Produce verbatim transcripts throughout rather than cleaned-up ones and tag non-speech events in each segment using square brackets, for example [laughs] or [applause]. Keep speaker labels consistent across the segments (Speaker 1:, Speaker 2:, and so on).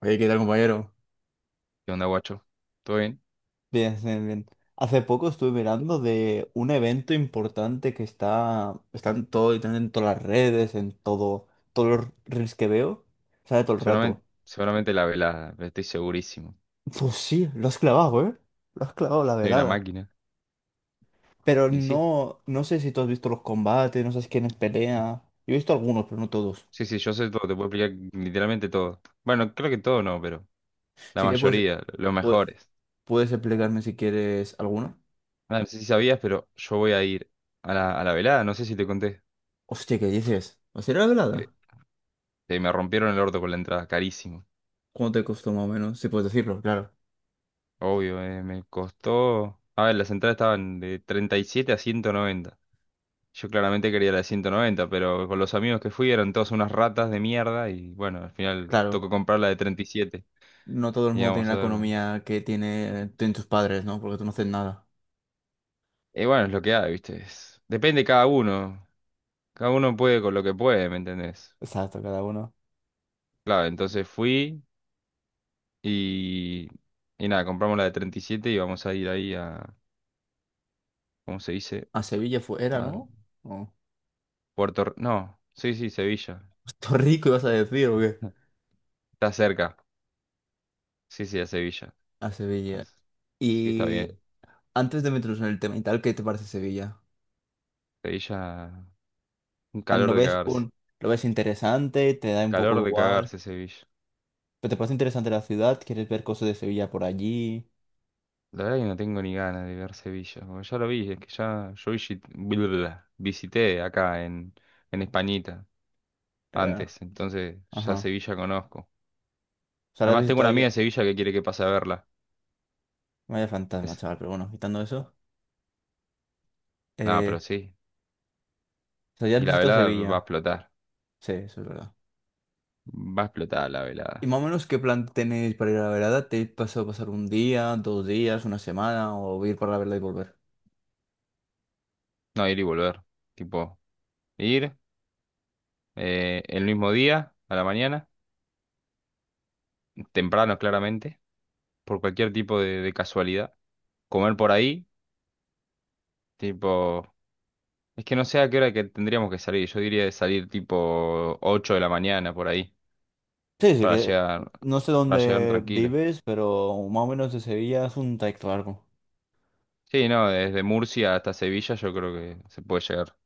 Speaker 1: Oye, ¿qué tal, compañero?
Speaker 2: ¿Qué onda, guacho? ¿Todo bien?
Speaker 1: Bien, bien, bien. Hace poco estuve mirando de un evento importante que está, está en todo, literalmente en todas las redes, en todo, todos los reels que veo, sale todo el
Speaker 2: Seguramente,
Speaker 1: rato.
Speaker 2: seguramente la velada, pero estoy segurísimo.
Speaker 1: Pues sí, lo has clavado, ¿eh? Lo has clavado la
Speaker 2: Soy una
Speaker 1: velada.
Speaker 2: máquina.
Speaker 1: Pero
Speaker 2: Y sí,
Speaker 1: no, no sé si tú has visto los combates, no sabes quiénes pelea. Yo he visto algunos, pero no todos.
Speaker 2: sí, sí, yo sé todo, te puedo explicar literalmente todo. Bueno, creo que todo no, pero la
Speaker 1: Así que pues,
Speaker 2: mayoría, los
Speaker 1: pu-
Speaker 2: mejores.
Speaker 1: puedes explicarme si quieres alguno.
Speaker 2: Ah, no sé si sabías, pero yo voy a ir a la, a la velada, no sé si te conté.
Speaker 1: Hostia, ¿qué dices? ¿Va a ser la
Speaker 2: Que,
Speaker 1: velada?
Speaker 2: que me rompieron el orto con la entrada, carísimo.
Speaker 1: ¿Cuánto te costó más o menos? Si puedes decirlo, claro.
Speaker 2: Obvio, eh, me costó... A ver, las entradas estaban de treinta y siete a ciento noventa. Yo claramente quería la de ciento noventa, pero con los amigos que fui eran todas unas ratas de mierda y bueno, al final
Speaker 1: Claro.
Speaker 2: tocó comprar la de treinta y siete. Y siete.
Speaker 1: No todo el
Speaker 2: Y
Speaker 1: mundo tiene
Speaker 2: vamos
Speaker 1: la
Speaker 2: a ver.
Speaker 1: economía que tiene, tienen tus padres, ¿no? Porque tú no haces nada.
Speaker 2: Y bueno, es lo que hay, ¿viste? Es- Depende de cada uno. Cada uno puede con lo que puede, ¿me entendés?
Speaker 1: Exacto, cada uno.
Speaker 2: Claro, entonces fui y... Y nada, compramos la de treinta y siete y siete y vamos a ir ahí a... ¿Cómo se dice?
Speaker 1: A Sevilla fue, era,
Speaker 2: A
Speaker 1: ¿no? No.
Speaker 2: Puerto... Re- No, sí, sí, Sevilla.
Speaker 1: [laughs] Puerto Rico, ibas a decir, ¿o qué?
Speaker 2: [laughs] Está cerca. Sí, sí, a Sevilla.
Speaker 1: A Sevilla.
Speaker 2: As- Así que está
Speaker 1: Y
Speaker 2: bien.
Speaker 1: antes de meternos en el tema y tal, ¿qué te parece Sevilla?
Speaker 2: Sevilla, un
Speaker 1: ¿Lo
Speaker 2: calor de
Speaker 1: ves
Speaker 2: cagarse.
Speaker 1: un, lo ves interesante? ¿Te da un poco
Speaker 2: Calor de
Speaker 1: igual?
Speaker 2: cagarse Sevilla.
Speaker 1: ¿Pero te parece interesante la ciudad? ¿Quieres ver cosas de Sevilla por allí?
Speaker 2: La verdad que no tengo ni ganas de ver Sevilla. Como ya lo vi, es que ya yo visi- blablabla, visité acá en, en Españita
Speaker 1: Eh,
Speaker 2: antes. Entonces ya
Speaker 1: ajá. O
Speaker 2: Sevilla conozco.
Speaker 1: sea, ¿la has
Speaker 2: Además tengo una
Speaker 1: visitado
Speaker 2: amiga
Speaker 1: ya?
Speaker 2: de Sevilla que quiere que pase a verla.
Speaker 1: Vaya fantasma,
Speaker 2: Es,
Speaker 1: chaval, pero bueno, quitando eso.
Speaker 2: no, pero
Speaker 1: Eh,
Speaker 2: sí.
Speaker 1: o sea, ya has
Speaker 2: Y la
Speaker 1: visitado
Speaker 2: velada va a
Speaker 1: Sevilla.
Speaker 2: explotar.
Speaker 1: Sí, eso es verdad.
Speaker 2: Va a explotar la velada.
Speaker 1: ¿Y más o menos qué plan tenéis para ir a la verada? ¿Te pasado pasar un día, dos días, una semana o ir para la vereda y volver?
Speaker 2: No, ir y volver. Tipo, ir eh, el mismo día, a la mañana, temprano claramente, por cualquier tipo de de casualidad. Comer por ahí, tipo... Es que no sé a qué hora que tendríamos que salir. Yo diría de salir tipo ocho de la mañana por ahí,
Speaker 1: Sí, sí,
Speaker 2: para
Speaker 1: que
Speaker 2: llegar,
Speaker 1: no sé
Speaker 2: para llegar
Speaker 1: dónde
Speaker 2: tranquilo.
Speaker 1: vives, pero más o menos de Sevilla es un trayecto largo.
Speaker 2: Sí, no, desde Murcia hasta Sevilla yo creo que se puede llegar.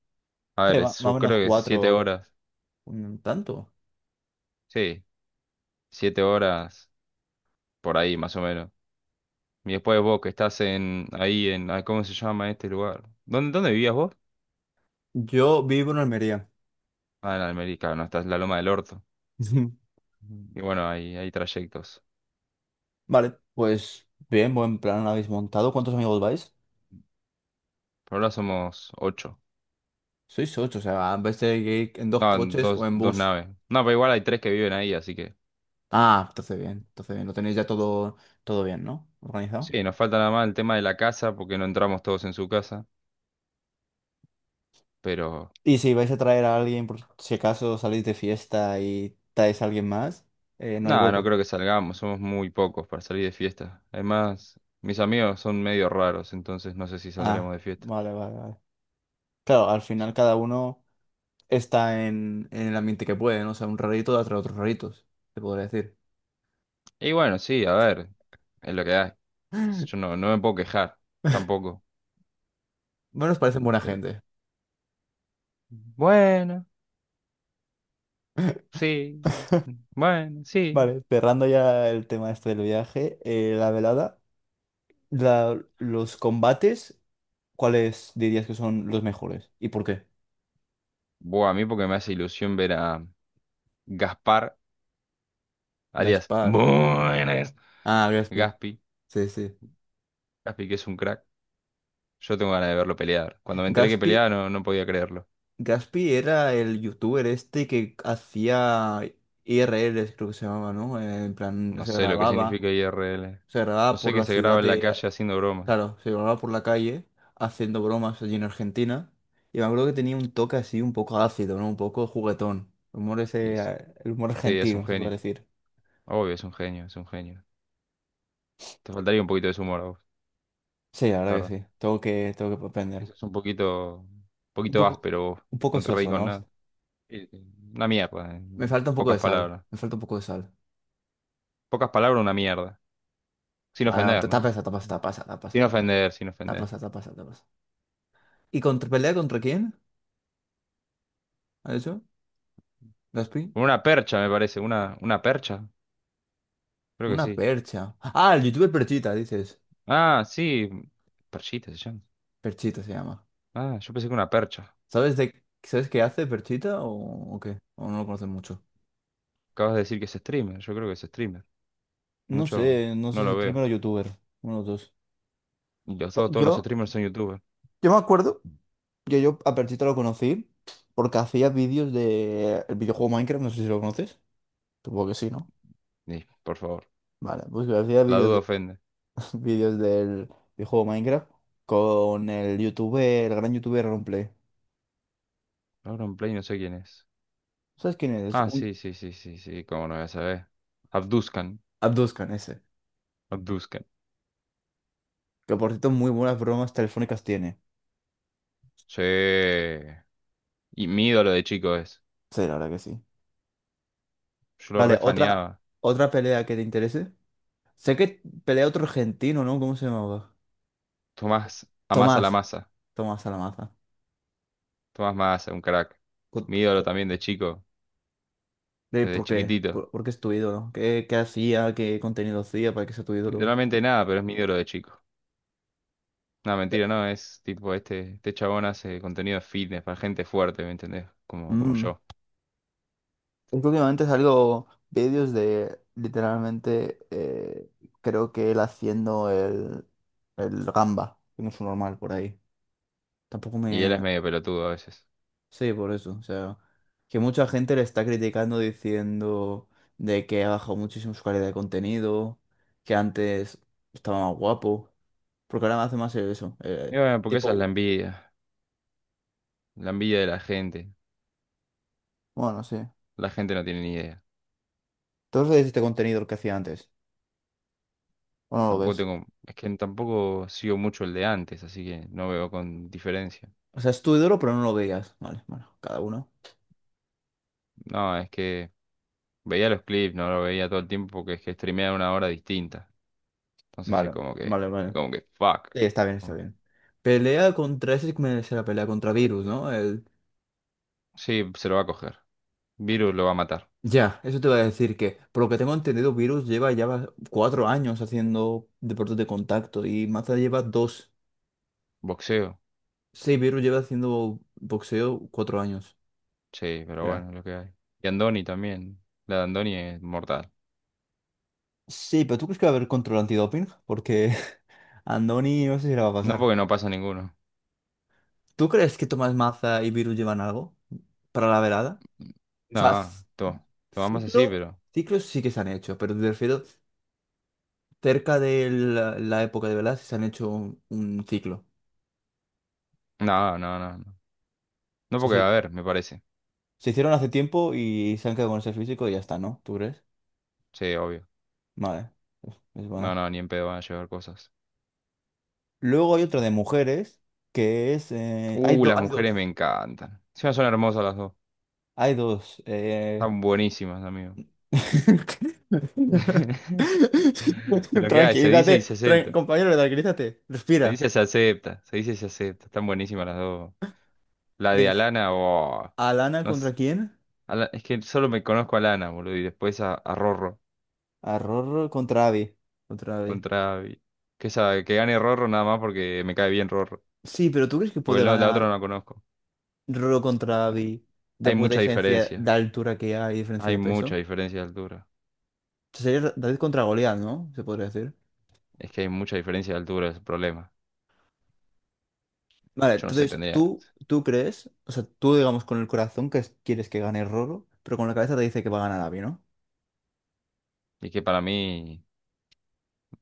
Speaker 2: A
Speaker 1: Sí,
Speaker 2: ver,
Speaker 1: ma-
Speaker 2: es-
Speaker 1: más o
Speaker 2: yo
Speaker 1: menos
Speaker 2: creo que siete
Speaker 1: cuatro,
Speaker 2: horas.
Speaker 1: un tanto.
Speaker 2: Sí, siete horas por ahí más o menos. Y después vos que estás en ahí en ah, ¿cómo se llama este lugar? ¿Dónde, dónde vivías vos?
Speaker 1: Yo vivo en Almería.
Speaker 2: Ah, en Almerica, no, estás en la Loma del Orto.
Speaker 1: [laughs]
Speaker 2: Y bueno, hay, hay trayectos.
Speaker 1: Vale, pues bien, buen plan habéis montado. ¿Cuántos amigos vais?
Speaker 2: Por ahora somos ocho.
Speaker 1: Sois ocho, o sea, en vez de ir en dos
Speaker 2: No,
Speaker 1: coches o
Speaker 2: dos,
Speaker 1: en
Speaker 2: dos
Speaker 1: bus.
Speaker 2: naves. No, pero igual hay tres que viven ahí, así que.
Speaker 1: Ah, entonces bien, entonces bien, lo tenéis ya todo, todo bien, ¿no? Organizado.
Speaker 2: Sí, nos falta nada más el tema de la casa, porque no entramos todos en su casa, pero
Speaker 1: Y si vais a traer a alguien, por si acaso salís de fiesta y traes a alguien más, eh, no hay
Speaker 2: nada, no
Speaker 1: hueco.
Speaker 2: creo que salgamos, somos muy pocos para salir de fiesta. Además, mis amigos son medio raros, entonces no sé si saldremos
Speaker 1: Ah,
Speaker 2: de fiesta.
Speaker 1: vale, vale, vale. Claro, al
Speaker 2: Sí.
Speaker 1: final cada uno está en, en el ambiente que puede, ¿no? O sea, un rarito da tras otros raritos, te podría decir.
Speaker 2: Y bueno, sí, a ver, es lo que hay. Yo
Speaker 1: [laughs]
Speaker 2: no, no me puedo quejar, tampoco.
Speaker 1: Bueno, os parecen buena
Speaker 2: Pero,
Speaker 1: gente.
Speaker 2: bueno,
Speaker 1: [laughs]
Speaker 2: sí, bueno, sí.
Speaker 1: Vale, cerrando ya el tema este del viaje, eh, la velada, la- los combates, ¿cuáles dirías que son los mejores? ¿Y por qué?
Speaker 2: Buah, a mí porque me hace ilusión ver a Gaspar, alias
Speaker 1: Gaspar.
Speaker 2: Buenas,
Speaker 1: Ah, Gaspi.
Speaker 2: Gaspi,
Speaker 1: Sí, sí.
Speaker 2: Gaspi que es un crack. Yo tengo ganas de verlo pelear. Cuando me enteré que
Speaker 1: Gaspi
Speaker 2: peleaba no, no podía creerlo.
Speaker 1: Gaspi era el youtuber este que hacía I R Ls, creo que se llamaba, ¿no? Eh, En plan,
Speaker 2: No
Speaker 1: se
Speaker 2: sé lo que
Speaker 1: grababa,
Speaker 2: significa I R L.
Speaker 1: se
Speaker 2: No
Speaker 1: grababa
Speaker 2: sé
Speaker 1: por
Speaker 2: que
Speaker 1: la
Speaker 2: se
Speaker 1: ciudad
Speaker 2: graba en la
Speaker 1: de...
Speaker 2: calle haciendo broma.
Speaker 1: Claro, se grababa por la calle haciendo bromas allí en Argentina. Y me acuerdo que tenía un toque así un poco ácido, ¿no? Un poco juguetón. El humor ese,
Speaker 2: Dice.
Speaker 1: eh, el humor
Speaker 2: Sí, es un
Speaker 1: argentino, se puede
Speaker 2: genio.
Speaker 1: decir.
Speaker 2: Obvio, es un genio, es un genio. Te faltaría un poquito de su humor a vos,
Speaker 1: Sí, la
Speaker 2: la
Speaker 1: verdad
Speaker 2: verdad.
Speaker 1: que sí. Tengo que, tengo que aprender.
Speaker 2: Eso es un poquito, un
Speaker 1: Un
Speaker 2: poquito
Speaker 1: poco,
Speaker 2: áspero vos.
Speaker 1: un poco
Speaker 2: No te reís
Speaker 1: soso,
Speaker 2: con
Speaker 1: ¿no?
Speaker 2: nada. Sí, sí. Una mierda,
Speaker 1: Me
Speaker 2: en
Speaker 1: falta un poco
Speaker 2: pocas
Speaker 1: de sal.
Speaker 2: palabras.
Speaker 1: Me falta un poco de sal.
Speaker 2: Pocas palabras, una mierda. Sin
Speaker 1: Bueno,
Speaker 2: ofender, ¿no?
Speaker 1: tapas, tapas, tapas, tapas, tapas,
Speaker 2: Sin ofender, sin
Speaker 1: tapas,
Speaker 2: ofender.
Speaker 1: tapas, tapas, tapas. ¿Y contra pelea contra quién? ¿A eso? ¿Gaspi?
Speaker 2: Con una percha, me parece. Una, una percha. Creo que
Speaker 1: Una
Speaker 2: sí.
Speaker 1: percha. Ah, el youtuber Perchita, dices.
Speaker 2: Ah, sí. Perchita se llama.
Speaker 1: Perchita se llama.
Speaker 2: Ah, yo pensé que una percha.
Speaker 1: ¿Sabes de sabes qué hace Perchita o, o qué? O no lo conoces mucho.
Speaker 2: Acabas de decir que es streamer. Yo creo que es streamer.
Speaker 1: No
Speaker 2: Mucho
Speaker 1: sé, no sé
Speaker 2: no
Speaker 1: si es
Speaker 2: lo veo.
Speaker 1: streamer o youtuber. Uno de los dos.
Speaker 2: Y los-
Speaker 1: Po-
Speaker 2: todos, todos los
Speaker 1: Yo,
Speaker 2: streamers son youtubers.
Speaker 1: yo me acuerdo que yo a Perchita lo conocí porque hacía vídeos de el videojuego Minecraft, no sé si lo conoces. Supongo que sí, ¿no?
Speaker 2: Y, por favor.
Speaker 1: Vale, pues yo hacía
Speaker 2: La
Speaker 1: vídeos
Speaker 2: duda
Speaker 1: de
Speaker 2: ofende.
Speaker 1: [laughs] vídeos del videojuego Minecraft con el youtuber, el gran youtuber Romplay.
Speaker 2: Auron Play no sé quién es.
Speaker 1: ¿Sabes quién es?
Speaker 2: Ah, sí, sí, sí, sí, sí. Cómo no voy a saber. Abduzcan.
Speaker 1: Abduzcan ese.
Speaker 2: Abduzcan.
Speaker 1: Que por cierto, muy buenas bromas telefónicas tiene.
Speaker 2: Sí. Y mi ídolo de chico es.
Speaker 1: Sí, la verdad que sí.
Speaker 2: Yo lo
Speaker 1: Vale, otra,
Speaker 2: refaneaba.
Speaker 1: otra pelea que te interese. Sé que pelea otro argentino, ¿no? ¿Cómo se llamaba?
Speaker 2: Tomás Amasa la
Speaker 1: Tomás.
Speaker 2: masa.
Speaker 1: Tomás Alamaza.
Speaker 2: Tomás Massa, un crack.
Speaker 1: Co-
Speaker 2: Mi ídolo también de chico.
Speaker 1: de-
Speaker 2: Desde
Speaker 1: ¿Por qué?
Speaker 2: chiquitito.
Speaker 1: ¿Por, por qué es tu ídolo? ¿No? ¿Qué, qué hacía? ¿Qué contenido hacía para que sea tu ídolo?
Speaker 2: Literalmente nada, pero es mi ídolo de chico. No,
Speaker 1: Sí.
Speaker 2: mentira, no, es tipo este, este chabón hace contenido fitness para gente fuerte, ¿me entendés? Como, como
Speaker 1: Mm.
Speaker 2: yo.
Speaker 1: Es que últimamente salgo vídeos de literalmente, eh, creo que él haciendo el, el, gamba, que no es un normal por ahí. Tampoco
Speaker 2: Y él es
Speaker 1: me.
Speaker 2: medio pelotudo a veces.
Speaker 1: Sí, por eso. O sea, que mucha gente le está criticando diciendo de que ha bajado muchísimo su calidad de contenido, que antes estaba más guapo, porque ahora me hace más eso.
Speaker 2: Y
Speaker 1: Eh,
Speaker 2: bueno, porque esa es la
Speaker 1: tipo,
Speaker 2: envidia, la envidia de la gente.
Speaker 1: bueno, sí.
Speaker 2: La gente no tiene ni idea.
Speaker 1: Todos veis este contenido el que hacía antes, o no lo
Speaker 2: Tampoco
Speaker 1: ves.
Speaker 2: tengo, es que tampoco sigo mucho el de antes, así que no veo con diferencia.
Speaker 1: O sea, es tu ídolo, pero no lo veías. Vale, bueno, cada uno.
Speaker 2: No, es que veía los clips, no lo veía todo el tiempo porque es que streamean una hora distinta. Entonces es
Speaker 1: Vale,
Speaker 2: como que,
Speaker 1: vale, vale.
Speaker 2: es como que, fuck.
Speaker 1: Sí, está bien, está bien. Pelea contra, ese sí me la pelea contra Virus, ¿no?
Speaker 2: Sí, se lo va a coger. Virus lo va a matar.
Speaker 1: Ya, eso te voy a decir que, por lo que tengo entendido, Virus lleva ya va- cuatro años haciendo deportes de contacto y Maza lleva dos.
Speaker 2: Boxeo.
Speaker 1: Sí, Virus lleva haciendo boxeo cuatro años.
Speaker 2: Sí, pero
Speaker 1: Ya.
Speaker 2: bueno, lo que hay. Y Andoni también. La de Andoni es mortal.
Speaker 1: Sí, pero ¿tú crees que va a haber control antidoping? Porque [laughs] a Andoni no sé si le va a
Speaker 2: No
Speaker 1: pasar.
Speaker 2: porque no pasa ninguno.
Speaker 1: ¿Tú crees que Tomás Maza y Virus llevan algo para la velada? O sea,
Speaker 2: No,
Speaker 1: c-
Speaker 2: to, tomamos así,
Speaker 1: ciclo,
Speaker 2: pero.
Speaker 1: ciclos sí que se han hecho, pero te refiero cerca de la, la época de velada sí se han hecho un, un ciclo.
Speaker 2: No, no, no, no. No porque, a ver, me parece.
Speaker 1: Se hicieron hace tiempo y se han quedado con ese físico y ya está, ¿no? ¿Tú crees?
Speaker 2: Sí, obvio.
Speaker 1: Vale, es es
Speaker 2: No,
Speaker 1: buena.
Speaker 2: no, ni en pedo van a llevar cosas.
Speaker 1: Luego hay otra de mujeres que es... eh, hay,
Speaker 2: Uh,
Speaker 1: do-
Speaker 2: las
Speaker 1: hay dos.
Speaker 2: mujeres me encantan. Encima son hermosas las dos.
Speaker 1: Hay dos. eh,
Speaker 2: Están buenísimas, amigo.
Speaker 1: [laughs]
Speaker 2: [laughs] Es lo que hay, se dice y
Speaker 1: Tranquilízate,
Speaker 2: se
Speaker 1: tran-
Speaker 2: acepta.
Speaker 1: compañero, tranquilízate.
Speaker 2: Se
Speaker 1: Respira.
Speaker 2: dice, se acepta. Se dice, se acepta. Están buenísimas las dos. La de
Speaker 1: ¿Es
Speaker 2: Alana, oh.
Speaker 1: Alana
Speaker 2: No
Speaker 1: contra
Speaker 2: sé.
Speaker 1: quién?
Speaker 2: A la- es que solo me conozco a Lana, boludo, y después a, a Rorro
Speaker 1: A Rorro contra Abby. Contra Abby.
Speaker 2: contra... Vi- Que, esa, que gane Rorro nada más porque me cae bien Rorro.
Speaker 1: Sí, pero ¿tú crees que
Speaker 2: Porque
Speaker 1: puede
Speaker 2: no, la otra
Speaker 1: ganar
Speaker 2: no la conozco.
Speaker 1: Rorro contra Abby
Speaker 2: Hay
Speaker 1: después de la
Speaker 2: mucha
Speaker 1: diferencia de
Speaker 2: diferencia.
Speaker 1: altura que hay y diferencia de
Speaker 2: Hay mucha
Speaker 1: peso?
Speaker 2: diferencia de altura.
Speaker 1: Sería David contra Goliat, ¿no? Se podría decir.
Speaker 2: Es que hay mucha diferencia de altura, es el problema.
Speaker 1: Vale,
Speaker 2: Yo no sé,
Speaker 1: entonces
Speaker 2: tendría.
Speaker 1: tú, tú crees, o sea, tú digamos con el corazón que es- quieres que gane Roro, pero con la cabeza te dice que va a ganar Abby, ¿no?
Speaker 2: Y que para mí,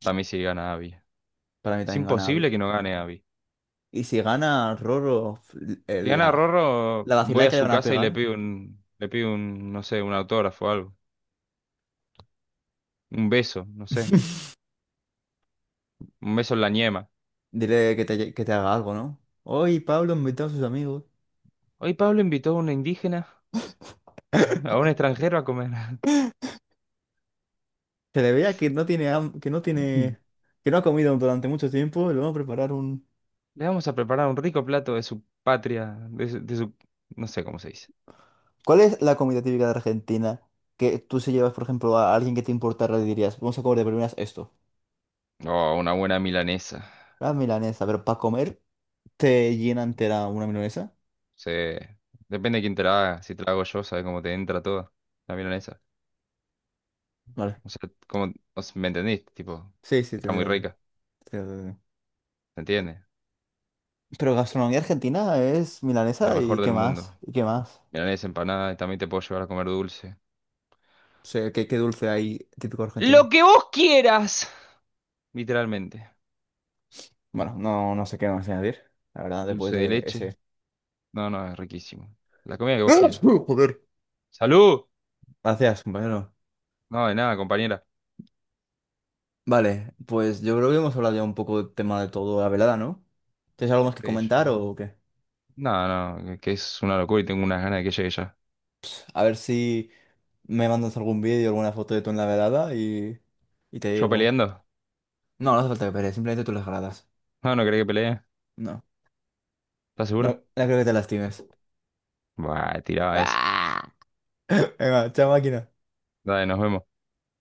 Speaker 2: para mí sí gana Abby.
Speaker 1: Para mí
Speaker 2: Es
Speaker 1: también gana Abby.
Speaker 2: imposible que no gane Abby.
Speaker 1: Y si gana Roro, f- eh,
Speaker 2: Si gana
Speaker 1: la,
Speaker 2: Rorro,
Speaker 1: la
Speaker 2: voy
Speaker 1: vacilada
Speaker 2: a
Speaker 1: que le
Speaker 2: su
Speaker 1: van a
Speaker 2: casa y le
Speaker 1: pegar,
Speaker 2: pido un, le pido un, no sé, un autógrafo o algo. Un beso, no sé.
Speaker 1: [laughs]
Speaker 2: Un beso en la ñema.
Speaker 1: dile que te, que te, haga algo, ¿no? Hoy Pablo invitó a sus amigos.
Speaker 2: Hoy Pablo invitó a una indígena. A un extranjero a comer.
Speaker 1: Se le veía que no tiene, ham- que no tiene,
Speaker 2: [laughs]
Speaker 1: que no ha comido durante mucho tiempo, le vamos a preparar un.
Speaker 2: Le vamos a preparar un rico plato de su patria, de su, de su- no sé cómo se dice.
Speaker 1: ¿Cuál es la comida típica de Argentina que tú si llevas, por ejemplo, a alguien que te importara, le dirías, vamos a comer de primeras esto?
Speaker 2: Oh, una buena milanesa.
Speaker 1: La milanesa, pero para comer, ¿te llena entera una milanesa?
Speaker 2: Sí. Depende de quién te la haga. Si te la hago yo, sabes cómo te entra toda la milanesa.
Speaker 1: Vale.
Speaker 2: O sea, cómo, o sea, ¿me entendiste? Tipo,
Speaker 1: Sí, sí, te
Speaker 2: está muy
Speaker 1: entiendo.
Speaker 2: rica,
Speaker 1: Te entiendo, te entiendo.
Speaker 2: ¿te entiendes?
Speaker 1: Pero gastronomía argentina es
Speaker 2: La
Speaker 1: milanesa y
Speaker 2: mejor
Speaker 1: qué
Speaker 2: del mundo.
Speaker 1: más, y qué más.
Speaker 2: Milanesa empanada y también te puedo llevar a comer dulce.
Speaker 1: O sea, ¿qué, qué dulce hay típico
Speaker 2: Lo
Speaker 1: argentino?
Speaker 2: que vos quieras. Literalmente.
Speaker 1: Bueno, no, no sé qué más añadir, la verdad, después
Speaker 2: Dulce de
Speaker 1: de
Speaker 2: leche.
Speaker 1: ese...
Speaker 2: No, no, es riquísimo. La comida que
Speaker 1: [laughs]
Speaker 2: vos
Speaker 1: ¡Ah!
Speaker 2: quieras.
Speaker 1: ¡Uh, Joder!
Speaker 2: ¡Salud!
Speaker 1: Gracias, compañero.
Speaker 2: No, de nada, compañera.
Speaker 1: Vale, pues yo creo que hemos hablado ya un poco del tema de todo la velada, ¿no? ¿Tienes algo más que
Speaker 2: Sí, yo-
Speaker 1: comentar o qué?
Speaker 2: No, no, que es una locura y tengo unas ganas de que llegue ya.
Speaker 1: A ver si me mandas algún vídeo, alguna foto de tú en la velada y, y te
Speaker 2: ¿Yo
Speaker 1: digo.
Speaker 2: peleando?
Speaker 1: No, no hace falta que pelees, simplemente tú las gradas.
Speaker 2: No, no querés que pelee.
Speaker 1: No,
Speaker 2: ¿Estás
Speaker 1: no,
Speaker 2: seguro?
Speaker 1: no creo que te lastimes.
Speaker 2: Buah,
Speaker 1: [laughs]
Speaker 2: tiraba esa.
Speaker 1: ¡Ah! Venga, chao máquina.
Speaker 2: Dale, nos vemos.